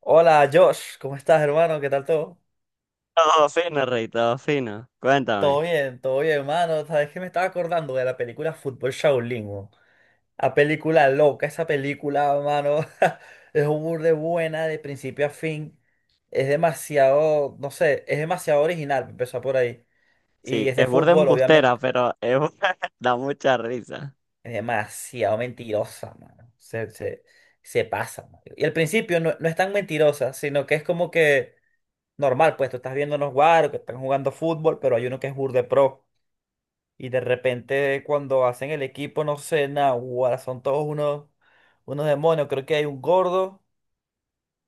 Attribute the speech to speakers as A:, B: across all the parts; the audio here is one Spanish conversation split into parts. A: Hola Josh, ¿cómo estás hermano? ¿Qué tal todo?
B: Todo fino, Rey, todo fino. Cuéntame.
A: Todo bien hermano. Sabes que me estaba acordando de la película Fútbol Shaolin, weón. La película loca, esa película, hermano. Es un burde buena de principio a fin. Es demasiado, no sé, es demasiado original, empezó por ahí. Y
B: Sí,
A: es de
B: es burda
A: fútbol,
B: embustera,
A: obviamente.
B: pero da mucha risa.
A: Es demasiado mentirosa, mano. Se pasa. Mano. Y al principio no, no es tan mentirosa, sino que es como que normal, pues tú estás viendo unos guaros que están jugando fútbol, pero hay uno que es burde pro. Y de repente cuando hacen el equipo, no sé, nada, guara, son todos unos demonios. Creo que hay un gordo,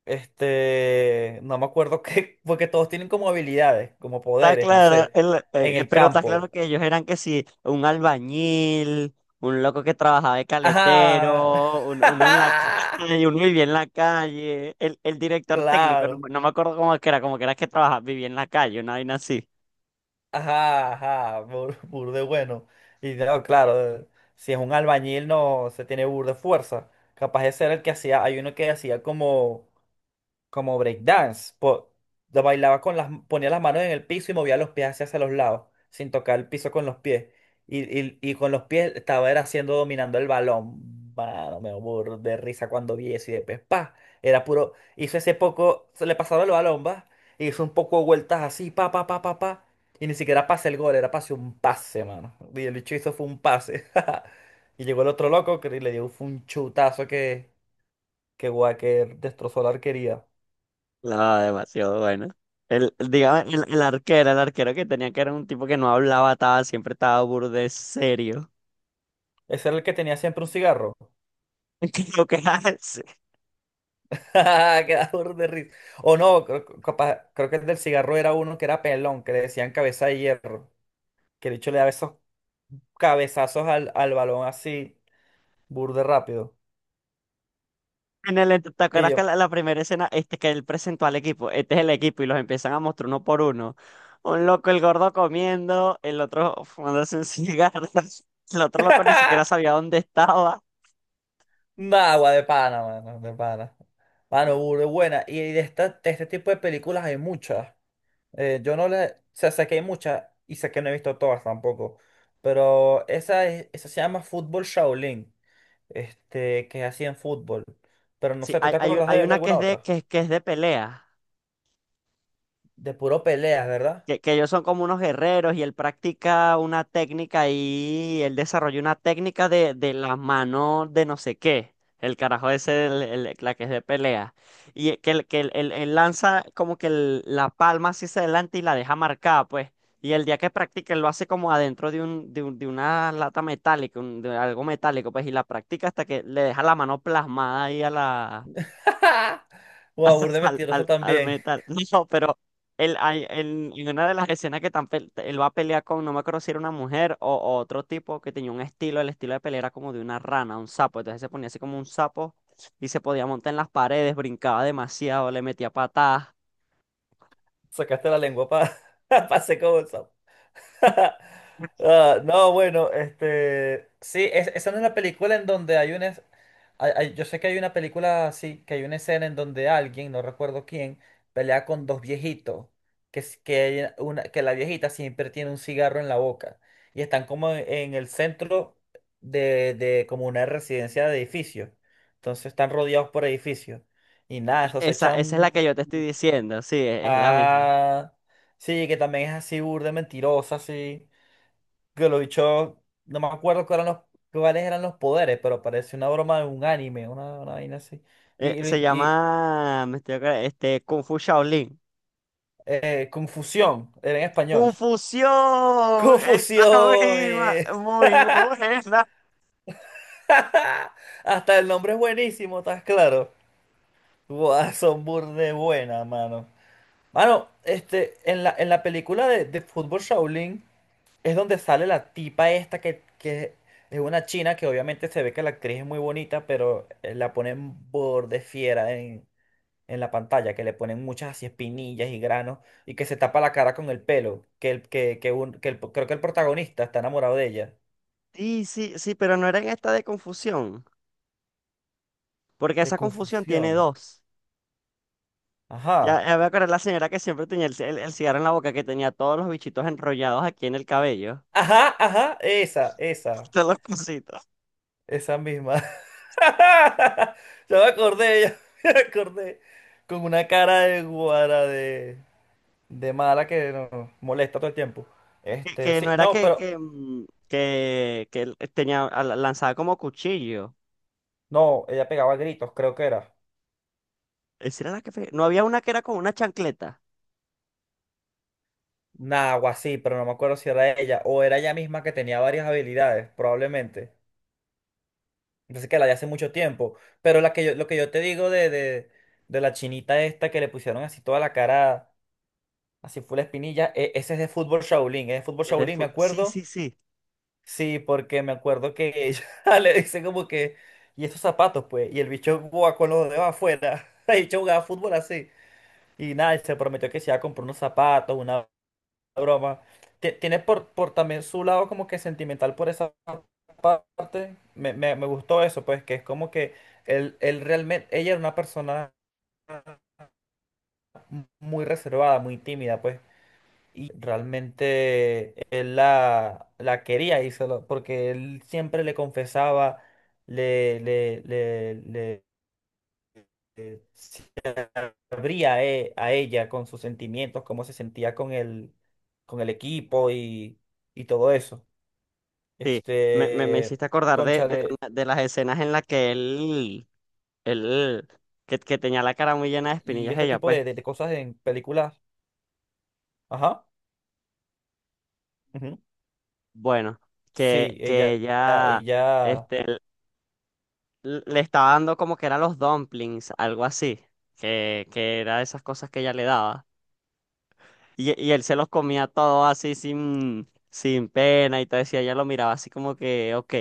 A: no me acuerdo qué, porque todos tienen como habilidades, como
B: Está
A: poderes, no
B: claro,
A: sé, en el
B: pero está claro
A: campo.
B: que ellos eran que sí, un albañil, un loco que trabajaba de
A: Ajá.
B: caletero, uno en la calle, uno vivía en la calle, el director técnico, no,
A: Claro.
B: me acuerdo cómo es que era, como que era que trabajaba, vivía en la calle, una vaina así.
A: Ajá, ajá, burde bueno. Y no, claro, si es un albañil no se tiene burde fuerza. Capaz de ser el que hacía, hay uno que hacía como como breakdance. Lo bailaba con las, ponía las manos en el piso y movía los pies hacia, hacia los lados, sin tocar el piso con los pies. Y con los pies estaba era haciendo, dominando el balón. Mano, me burro de risa cuando vi eso y después, pa, era puro, hizo ese poco, se le pasaba el balón, va, e hizo un poco de vueltas así, pa, pa, pa, pa, pa, y ni siquiera pase el gol, era pase un pase, mano. Y el bicho hizo fue un pase. Y llegó el otro loco que le dio fue un chutazo que destrozó la arquería.
B: No, demasiado bueno. El, digamos, el arquero que tenía que era un tipo que no hablaba, estaba, siempre estaba burde serio.
A: Ese era el que tenía siempre un cigarro.
B: Que lo que hace
A: Queda burda de risa. O no, creo, creo que el del cigarro era uno que era pelón, que le decían cabeza de hierro. Que el hecho le daba esos cabezazos al, al balón así, burde rápido.
B: en el, ¿te
A: Y
B: acuerdas que
A: yo,
B: la primera escena este que él presentó al equipo? Este es el equipo y los empiezan a mostrar uno por uno. Un loco, el gordo comiendo, el otro fumándose un cigarro, el otro loco ni siquiera sabía dónde estaba.
A: ¡nah, agua de pana, mano, de pana! Mano, burde buena. Y de, esta, de este tipo de películas hay muchas. Yo no le. O sea, sé que hay muchas y sé que no he visto todas tampoco. Pero esa, esa se llama Fútbol Shaolin. Este, que hacían fútbol. Pero no
B: Sí,
A: sé, ¿tú te acuerdas
B: hay
A: de
B: una que
A: alguna
B: es de,
A: otra?
B: que es de pelea.
A: De puro peleas, ¿verdad?
B: Que ellos son como unos guerreros y él practica una técnica y él desarrolló una técnica de la mano de no sé qué. El carajo ese, la que es de pelea. Y que, él lanza como que la palma así hacia adelante y la deja marcada, pues. Y el día que practica, él lo hace como adentro de una lata metálica, de algo metálico, pues, y la practica hasta que le deja la mano plasmada ahí
A: Wow, burde mentiroso
B: al
A: también.
B: metal. No, pero él, en una de las escenas que él va a pelear con, no me acuerdo si era una mujer o otro tipo que tenía un estilo, el estilo de pelea era como de una rana, un sapo. Entonces se ponía así como un sapo y se podía montar en las paredes, brincaba demasiado, le metía patadas.
A: Sacaste la lengua para pa' hacer como eso. Ah, no, bueno, este, sí, esa no es la película en donde hay una, yo sé que hay una película así, que hay una escena en donde alguien, no recuerdo quién, pelea con dos viejitos, que, es- que, hay una, que la viejita siempre tiene un cigarro en la boca y están como en el centro de como una residencia de edificios, entonces están rodeados por edificios y nada, eso se
B: Esa es
A: echan,
B: la que yo te estoy diciendo, sí, es la misma.
A: ah, sí, que también es así burda, mentirosa, así que lo dicho, no me acuerdo cuáles eran los poderes, pero parece una broma de un anime, una vaina así. Y, y, lo
B: Se
A: in- y,
B: llama, me estoy acordando, este, Kung Fu Shaolin.
A: confusión, era en español.
B: ¡Confusión! ¡Esa
A: Confusión.
B: misma! Muy buena.
A: Hasta el nombre es buenísimo, ¿estás claro? Guau, son burde buena, mano. Mano, este, en la película de Fútbol Shaolin. Es donde sale la tipa esta que es una china que obviamente se ve que la actriz es muy bonita, pero la ponen borde fiera en la pantalla, que le ponen muchas así espinillas y granos y que se tapa la cara con el pelo, que, el, que, un- que el- creo que el protagonista está enamorado de ella,
B: Sí, sí, sí, pero no era en esta de confusión, porque
A: de
B: esa confusión tiene
A: confusión.
B: 2. Ya,
A: Ajá,
B: ya me acordé de la señora que siempre tenía el cigarro en la boca, que tenía todos los bichitos enrollados aquí en el cabello,
A: ajá, ajá, esa, esa,
B: todos los cositos.
A: esa misma. Ya me acordé, ya me acordé, con una cara de guara. De mala que no, molesta todo el tiempo.
B: Que,
A: Este,
B: que no
A: sí,
B: era
A: no,
B: que,
A: pero
B: que, mm, que, que él tenía, lanzaba como cuchillo.
A: no, ella pegaba gritos, creo que era.
B: Esa era la que... No había una que era con una chancleta.
A: Nah, algo así, pero no me acuerdo si era ella o era ella misma que tenía varias habilidades, probablemente. Entonces que la de hace mucho tiempo. Pero la que yo, lo que yo te digo de la chinita esta que le pusieron así toda la cara, así fue la espinilla, ese es de fútbol Shaolin, es de fútbol Shaolin, me
B: Sí,
A: acuerdo.
B: sí, sí,
A: Sí, porque me acuerdo que ella le dice como que, y esos zapatos, pues, y el bicho jugaba con los dedos afuera. El bicho jugaba fútbol así. Y nada, y se prometió que se iba a comprar unos zapatos, una broma. Tiene por también su lado como que sentimental por esa parte. Me gustó eso, pues, que es como que él realmente, ella era una persona muy reservada, muy tímida, pues. Y realmente él la, la quería y porque él siempre le confesaba, le, le, le, le- le- abría a, a ella con sus sentimientos, cómo se sentía con el equipo y todo eso.
B: sí. Me
A: Este,
B: hiciste acordar
A: concha
B: de,
A: de,
B: de las escenas en las que él, él que tenía la cara muy llena de
A: y
B: espinillas
A: este
B: ella,
A: tipo
B: pues.
A: de, de cosas en películas. Ajá. Ujú.
B: Bueno,
A: Sí,
B: que
A: ella,
B: ella
A: ella,
B: este, le estaba dando como que eran los dumplings, algo así, que era esas cosas que ella le daba. Y él se los comía todo así sin, sin pena y todo eso, y ella lo miraba así como que, ok,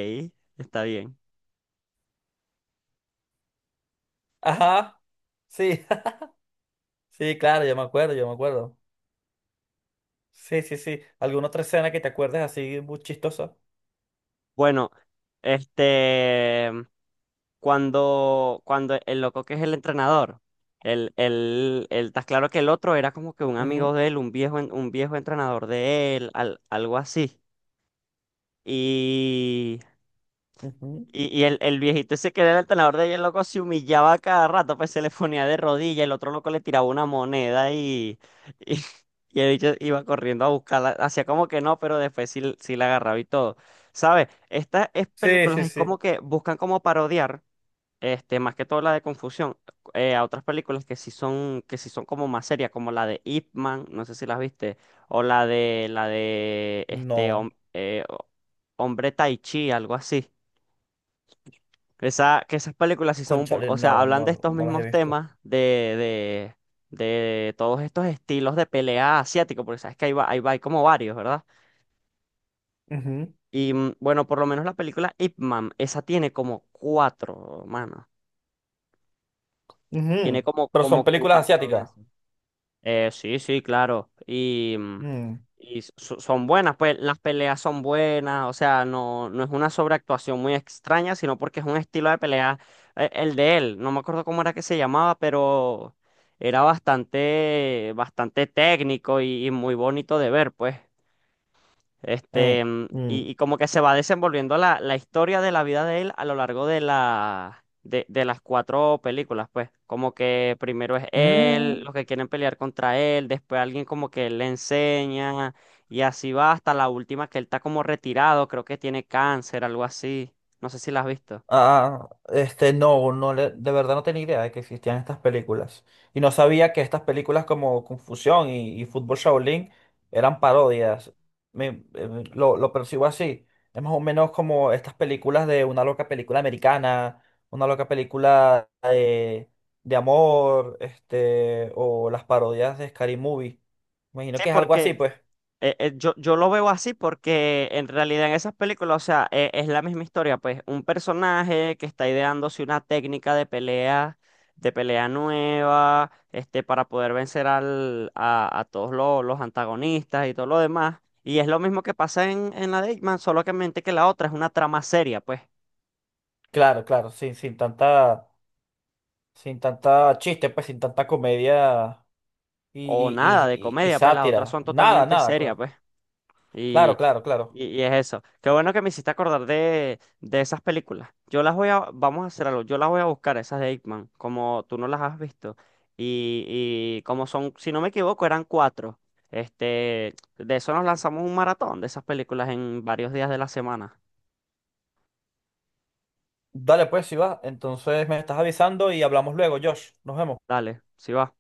B: está bien.
A: ajá. Sí, sí, claro, yo me acuerdo, yo me acuerdo. Sí, sí, sí. ¿Alguna otra escena que te acuerdes así muy chistosa?
B: Bueno, este, cuando, cuando el loco que es el entrenador, el, está claro que el otro era como que un amigo
A: Ujú,
B: de él, un viejo, un viejo entrenador de él, algo así. Y,
A: ujú.
B: y el viejito ese que era el entrenador de ella, el loco se humillaba cada rato, pues se le ponía de rodillas, el otro loco le tiraba una moneda y, y, y el bicho iba corriendo a buscarla, hacía como que no, pero después sí, sí la agarraba y todo. ¿Sabes? Estas es-
A: Sí,
B: películas
A: sí,
B: es como
A: sí.
B: que buscan como parodiar. Este, más que todo la de confusión, a otras películas que sí son como más serias, como la de Ip Man, no sé si las viste, o la de
A: No,
B: Hombre Tai Chi, algo así. Esa, que esas películas sí son un poco,
A: cónchale
B: o sea,
A: no,
B: hablan de
A: no,
B: estos
A: no las he
B: mismos
A: visto.
B: temas, de todos estos estilos de pelea asiático, porque sabes que ahí va, hay como varios, ¿verdad? Y mm, bueno, por lo menos la película Ip Man, esa tiene como 4, mano. Tiene
A: Ujú.
B: como,
A: Pero son
B: como
A: películas
B: 4 de
A: asiáticas.
B: esos. Sí, sí, claro. Y, mm,
A: Mm.
B: y son buenas, pues las peleas son buenas, o sea, no, no es una sobreactuación muy extraña, sino porque es un estilo de pelea, el de él, no me acuerdo cómo era que se llamaba, pero era bastante, bastante técnico y muy bonito de ver, pues. Este,
A: Eh,
B: mm,
A: mm.
B: y como que se va desenvolviendo la historia de la vida de él a lo largo de de las 4 películas, pues. Como que primero es él,
A: Mm.
B: los que quieren pelear contra él, después alguien como que le enseña, y así va hasta la última que él está como retirado, creo que tiene cáncer, algo así. No sé si la has visto.
A: Ah, este, no, de verdad no tenía idea de que existían estas películas. Y no sabía que estas películas como Confusión y Fútbol Shaolin eran parodias. Me- lo percibo así. Es más o menos como estas películas de una loca película americana, una loca película de amor, este, o las parodias de Scary Movie. Imagino
B: Sí,
A: que es algo así,
B: porque
A: pues.
B: yo lo veo así porque en realidad en esas películas, o sea, es la misma historia, pues un personaje que está ideándose una técnica de pelea nueva, este, para poder vencer a todos los antagonistas y todo lo demás. Y es lo mismo que pasa en la de Ip Man, solo que mente que la otra es una trama seria, pues,
A: Claro, claro, sin, sin tanta, sin tanta chiste, pues sin tanta comedia y,
B: o nada de
A: y
B: comedia, pues las otras
A: sátira.
B: son
A: Nada,
B: totalmente
A: nada,
B: serias,
A: claro.
B: pues.
A: Claro,
B: Y,
A: claro, claro.
B: y es eso. Qué bueno que me hiciste acordar de esas películas. Yo las voy a, vamos a hacer algo, yo las voy a buscar, esas de Hitman, como tú no las has visto. Y, y como son, si no me equivoco, eran 4. Este, de eso nos lanzamos un maratón de esas películas en varios días de la semana.
A: Dale pues, si va. Entonces me estás avisando y hablamos luego, Josh. Nos vemos.
B: Dale, si va.